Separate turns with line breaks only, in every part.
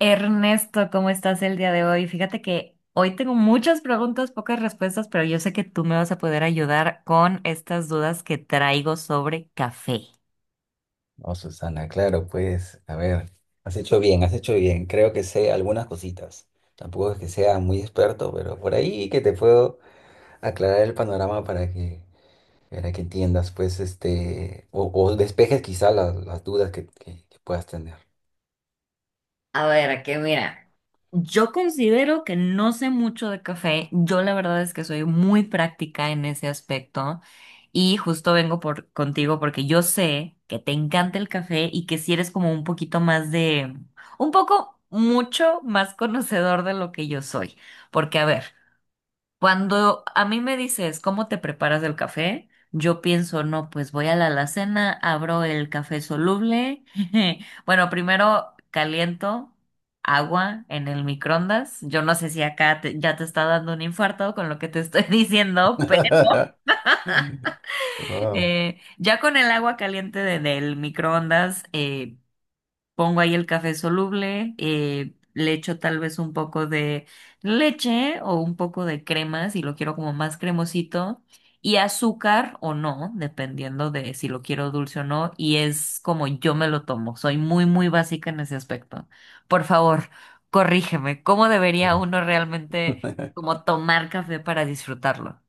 Ernesto, ¿cómo estás el día de hoy? Fíjate que hoy tengo muchas preguntas, pocas respuestas, pero yo sé que tú me vas a poder ayudar con estas dudas que traigo sobre café.
No, Susana, claro, pues, a ver, has hecho bien, has hecho bien. Creo que sé algunas cositas. Tampoco es que sea muy experto, pero por ahí que te puedo aclarar el panorama para que entiendas, pues, o despejes quizá las dudas que puedas tener.
A ver, que mira, yo considero que no sé mucho de café. Yo la verdad es que soy muy práctica en ese aspecto y justo vengo por contigo porque yo sé que te encanta el café y que si eres como un poquito más de, un poco mucho más conocedor de lo que yo soy. Porque a ver. Cuando a mí me dices cómo te preparas el café, yo pienso, no, pues voy a la alacena, abro el café soluble. Bueno, primero caliento agua en el microondas. Yo no sé si acá ya te está dando un infarto con lo que te estoy diciendo, pero
Wow.
ya con el agua caliente del microondas, pongo ahí el café soluble, le echo tal vez un poco de leche o un poco de crema si lo quiero como más cremosito y azúcar o no, dependiendo de si lo quiero dulce o no. Y es como yo me lo tomo. Soy muy, muy básica en ese aspecto. Por favor, corrígeme. ¿Cómo debería uno realmente como tomar café para disfrutarlo?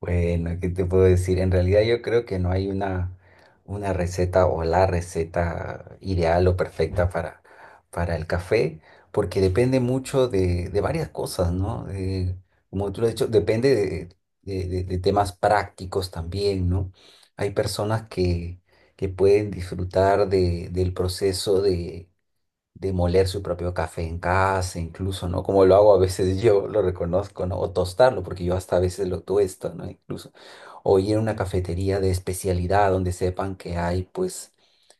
Bueno, ¿qué te puedo decir? En realidad yo creo que no hay una receta o la receta ideal o perfecta para el café, porque depende mucho de varias cosas, ¿no? Como tú lo has dicho, depende de temas prácticos también, ¿no? Hay personas que pueden disfrutar del proceso de moler su propio café en casa, incluso, ¿no? Como lo hago a veces yo, lo reconozco, ¿no? O tostarlo, porque yo hasta a veces lo tuesto, ¿no? Incluso. O ir a una cafetería de especialidad donde sepan que hay, pues,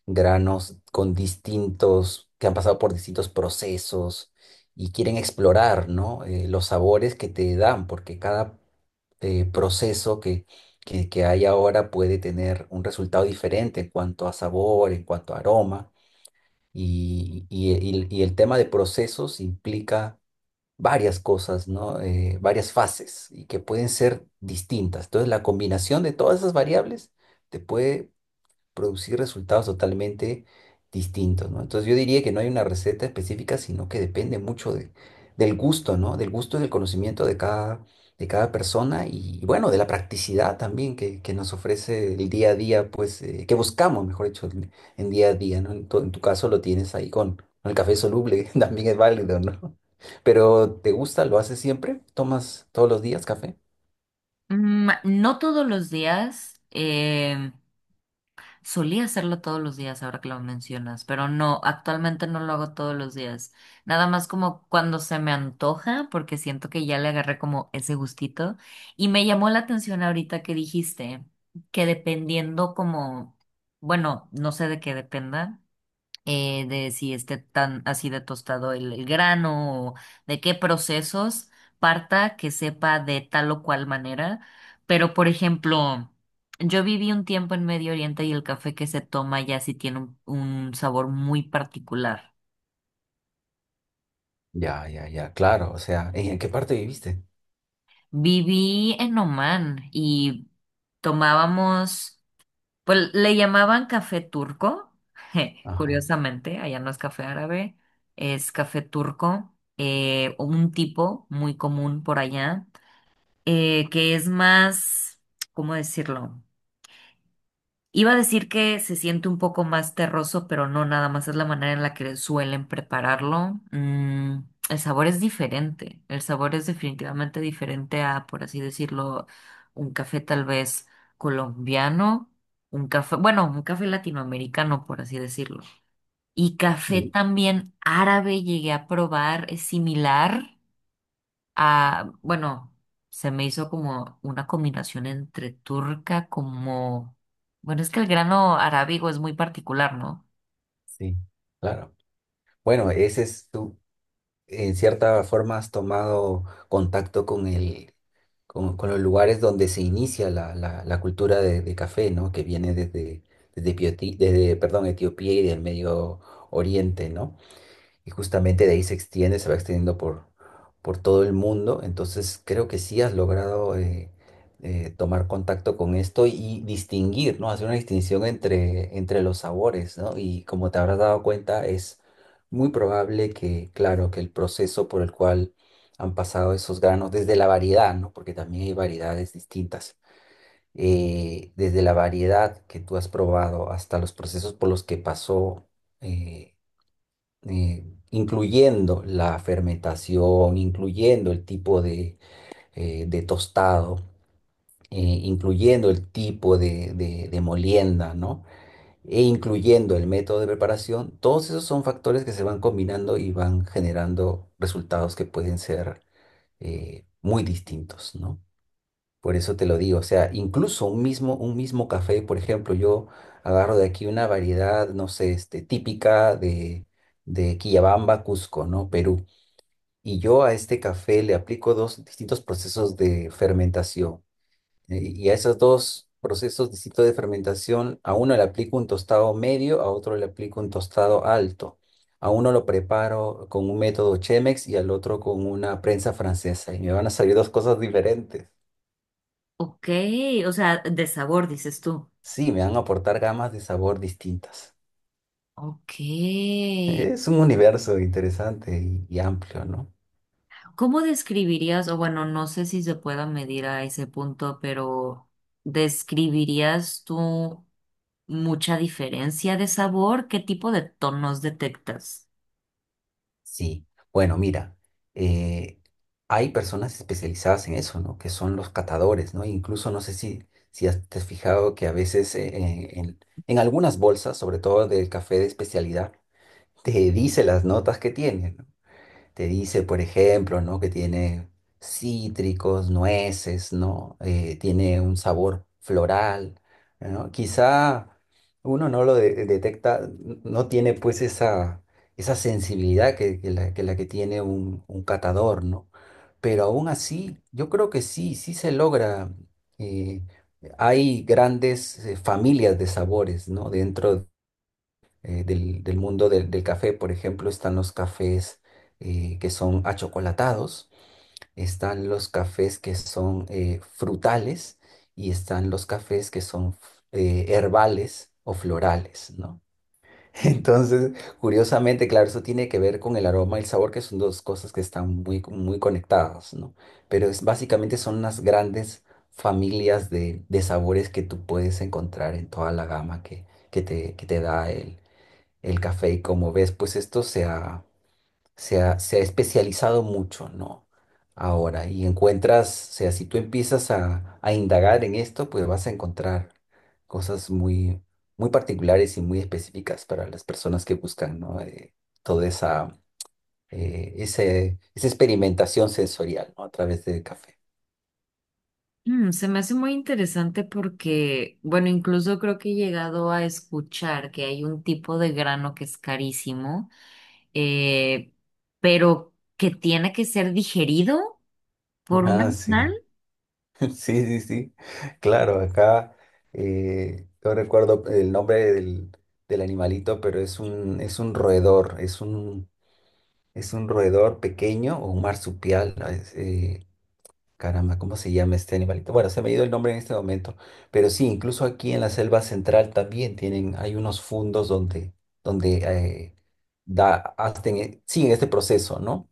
granos con distintos, que han pasado por distintos procesos y quieren explorar, ¿no? Los sabores que te dan, porque cada eh, proceso que, que hay ahora puede tener un resultado diferente en cuanto a sabor, en cuanto a aroma. Y y el tema de procesos implica varias cosas, ¿no? Varias fases y que pueden ser distintas. Entonces, la combinación de todas esas variables te puede producir resultados totalmente distintos, ¿no? Entonces yo diría que no hay una receta específica, sino que depende mucho del gusto, ¿no? Del gusto y del conocimiento de cada persona y bueno, de la practicidad también que nos ofrece el día a día, pues, que buscamos, mejor dicho, en día a día, ¿no? En tu caso lo tienes ahí con el café soluble, también es válido, ¿no? Pero ¿te gusta? ¿Lo haces siempre? ¿Tomas todos los días café?
Mm, no todos los días. Solía hacerlo todos los días, ahora que lo mencionas, pero no, actualmente no lo hago todos los días. Nada más como cuando se me antoja, porque siento que ya le agarré como ese gustito. Y me llamó la atención ahorita que dijiste que dependiendo como, bueno, no sé de qué dependa, de si esté tan así de tostado el grano o de qué procesos parta que sepa de tal o cual manera. Pero, por ejemplo, yo viví un tiempo en Medio Oriente y el café que se toma ya sí tiene un sabor muy particular.
Ya, ya, ya, claro. O sea, en qué parte viviste?
Viví en Oman y tomábamos. Pues le llamaban café turco,
Ajá.
curiosamente, allá no es café árabe, es café turco, un tipo muy común por allá, que es más, ¿cómo decirlo? Iba a decir que se siente un poco más terroso, pero no, nada más es la manera en la que suelen prepararlo. Mm, el sabor es diferente. El sabor es definitivamente diferente a, por así decirlo, un café tal vez colombiano, un café, bueno, un café latinoamericano, por así decirlo. Y café también árabe llegué a probar, es similar. Ah, bueno, se me hizo como una combinación entre turca como... Bueno, es que el grano arábigo es muy particular, ¿no?
Sí, claro. Bueno, ese es tú, en cierta forma has tomado contacto con con los lugares donde se inicia la cultura de café, ¿no? Que viene desde, perdón, Etiopía y del Medio Oriente, ¿no? Y justamente de ahí se extiende, se va extendiendo por todo el mundo. Entonces creo que sí has logrado tomar contacto con esto y distinguir, ¿no? Hacer una distinción entre los sabores, ¿no? Y como te habrás dado cuenta, es muy probable que, claro, que el proceso por el cual han pasado esos granos, desde la variedad, ¿no? Porque también hay variedades distintas. Desde la variedad que tú has probado hasta los procesos por los que pasó eh, eh, incluyendo la fermentación, incluyendo el tipo de tostado, incluyendo el tipo de molienda, ¿no? E incluyendo el método de preparación, todos esos son factores que se van combinando y van generando resultados que pueden ser muy distintos, ¿no? Por eso te lo digo, o sea, incluso un mismo café, por ejemplo, yo agarro de aquí una variedad, no sé, este, típica de Quillabamba, Cusco, ¿no? Perú. Y yo a este café le aplico dos distintos procesos de fermentación. Y a esos dos procesos distintos de fermentación, a uno le aplico un tostado medio, a otro le aplico un tostado alto. A uno lo preparo con un método Chemex y al otro con una prensa francesa. Y me van a salir dos cosas diferentes.
Ok, o sea, de sabor, dices tú.
Sí, me van a aportar gamas de sabor distintas.
Ok.
Es un universo interesante y amplio, ¿no?
¿Cómo describirías, o bueno, no sé si se pueda medir a ese punto, pero describirías tú mucha diferencia de sabor? ¿Qué tipo de tonos detectas?
Sí, bueno, mira, eh, hay personas especializadas en eso, ¿no? Que son los catadores, ¿no? Incluso no sé si te has fijado que a veces en algunas bolsas, sobre todo del café de especialidad, te dice las notas que tiene, ¿no? Te dice, por ejemplo, ¿no? Que tiene cítricos, nueces, ¿no? Tiene un sabor floral, ¿no? Quizá uno no lo detecta, no tiene pues esa sensibilidad que la que tiene un catador, ¿no? Pero aún así, yo creo que sí, sí se logra. eh, Hay grandes familias de sabores, ¿no? Dentro del mundo del café. Por ejemplo, están los cafés que son achocolatados, están los cafés que son frutales y están los cafés que son herbales o florales, ¿no? Entonces, curiosamente, claro, eso tiene que ver con el aroma y el sabor, que son dos cosas que están muy, muy conectadas, ¿no? Pero es, básicamente son las grandes familias de sabores que tú puedes encontrar en toda la gama que te da el café y como ves, pues esto se ha especializado mucho, ¿no? Ahora, y encuentras, o sea, si tú empiezas a indagar en esto, pues vas a encontrar cosas muy, muy particulares y muy específicas para las personas que buscan, ¿no? Toda esa experimentación sensorial, ¿no? A través del café.
Mm, se me hace muy interesante porque, bueno, incluso creo que he llegado a escuchar que hay un tipo de grano que es carísimo, eh, pero que tiene que ser digerido por un
Ah, sí.
animal.
Sí, sí, sí. Claro, acá no recuerdo el nombre del animalito, pero es un roedor, es un roedor pequeño o un marsupial. ¿No? Es, caramba, ¿cómo se llama este animalito? Bueno, se me ha ido el nombre en este momento, pero sí, incluso aquí en la selva central también tienen, hay unos fundos donde hacen, siguen este proceso, ¿no?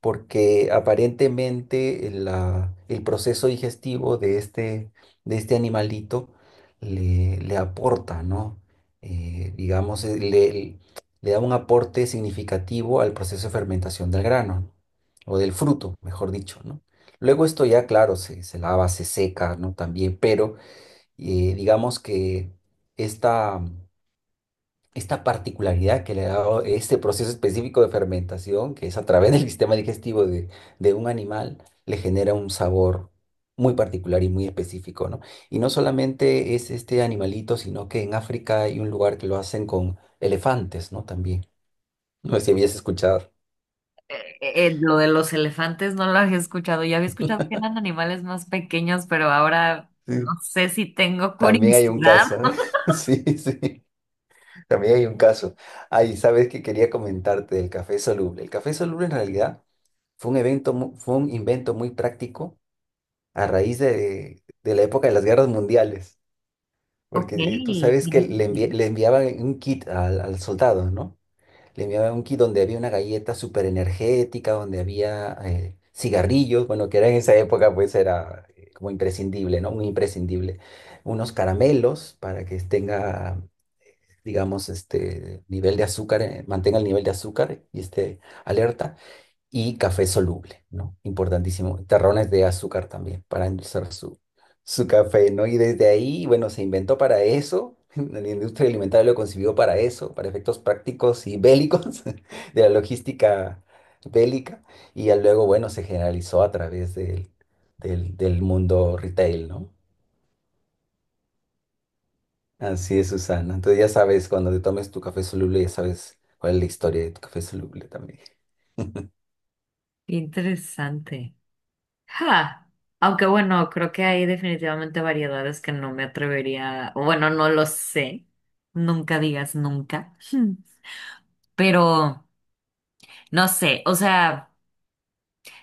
Porque aparentemente el proceso digestivo de este animalito le aporta, ¿no? Digamos, le da un aporte significativo al proceso de fermentación del grano, ¿no? O del fruto, mejor dicho, ¿no? Luego esto ya, claro, se lava, se seca, ¿no? También, pero digamos que esta esta particularidad que le da este proceso específico de fermentación, que es a través del sistema digestivo de un animal, le genera un sabor muy particular y muy específico, ¿no? Y no solamente es este animalito, sino que en África hay un lugar que lo hacen con elefantes, ¿no? También. No sé si habías escuchado.
Eh, lo de los elefantes no lo había escuchado. Yo había escuchado que eran animales más pequeños, pero ahora no
Sí.
sé si tengo
También hay un
curiosidad.
caso. ¿Eh? Sí, sí. También hay un caso. Ay, sabes que quería comentarte del café soluble. El café soluble en realidad fue un invento muy práctico a raíz de la época de las guerras mundiales,
Ok,
porque tú sabes que
tiene
le, envi-
sentido.
le enviaban un kit al soldado, ¿no? Le enviaban un kit donde había una galleta súper energética, donde había cigarrillos, bueno, que era en esa época pues era como imprescindible, ¿no? Muy imprescindible. Unos caramelos para que tenga, digamos, este nivel de azúcar, mantenga el nivel de azúcar y esté alerta y café soluble, ¿no? Importantísimo. Terrones de azúcar también para endulzar su café, ¿no? Y desde ahí, bueno, se inventó para eso. La industria alimentaria lo concibió para eso, para efectos prácticos y bélicos de la logística bélica. Y ya luego, bueno, se generalizó a través del mundo retail, ¿no? Así es, Susana. Entonces ya sabes, cuando te tomes tu café soluble, ya sabes cuál es la historia de tu café soluble también.
Qué interesante. Ja, aunque bueno, creo que hay definitivamente variedades que no me atrevería, o bueno, no lo sé, nunca digas nunca, Hmm, pero no sé, o sea...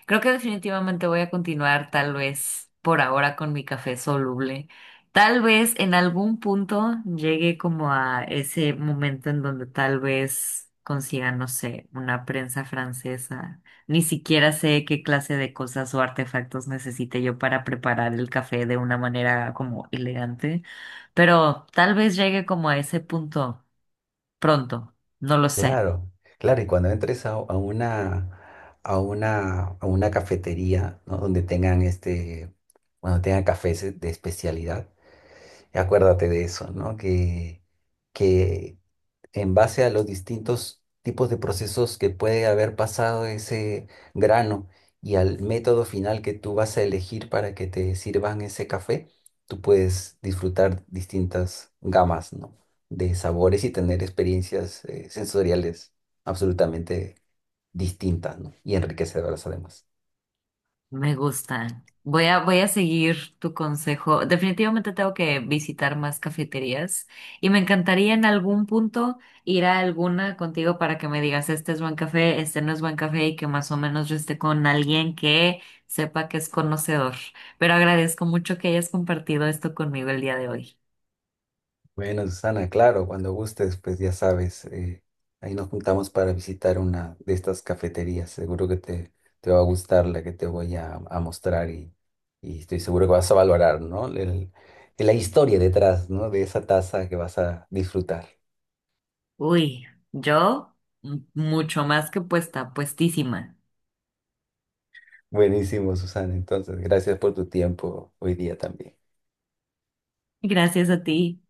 Creo que definitivamente voy a continuar tal vez por ahora con mi café soluble. Tal vez en algún punto llegue como a ese momento en donde tal vez consiga, no sé, una prensa francesa. Ni siquiera sé qué clase de cosas o artefactos necesite yo para preparar el café de una manera como elegante, pero tal vez llegue como a ese punto pronto, no lo sé.
Claro, claro, y cuando entres a una cafetería, ¿no? Donde tengan este, cuando tengan cafés de especialidad, acuérdate de eso, ¿no? Que, en base a los distintos tipos de procesos que puede haber pasado ese grano y al método final que tú vas a elegir para que te sirvan ese café, tú puedes disfrutar distintas gamas, ¿no? De sabores y tener experiencias sensoriales absolutamente distintas, ¿no? Y enriquecedoras además.
Me gusta. Voy a seguir tu consejo. Definitivamente tengo que visitar más cafeterías y me encantaría en algún punto ir a alguna contigo para que me digas, este es buen café, este no es buen café y que más o menos yo esté con alguien que sepa que es conocedor. Pero agradezco mucho que hayas compartido esto conmigo el día de hoy.
Bueno, Susana, claro, cuando gustes, pues ya sabes, ahí nos juntamos para visitar una de estas cafeterías. Seguro que te va a gustar la que te voy a mostrar y estoy seguro que vas a valorar, ¿no? La historia detrás, ¿no? De esa taza que vas a disfrutar.
Uy, yo mucho más que puesta, puestísima.
Buenísimo, Susana. Entonces, gracias por tu tiempo hoy día también.
Gracias a ti.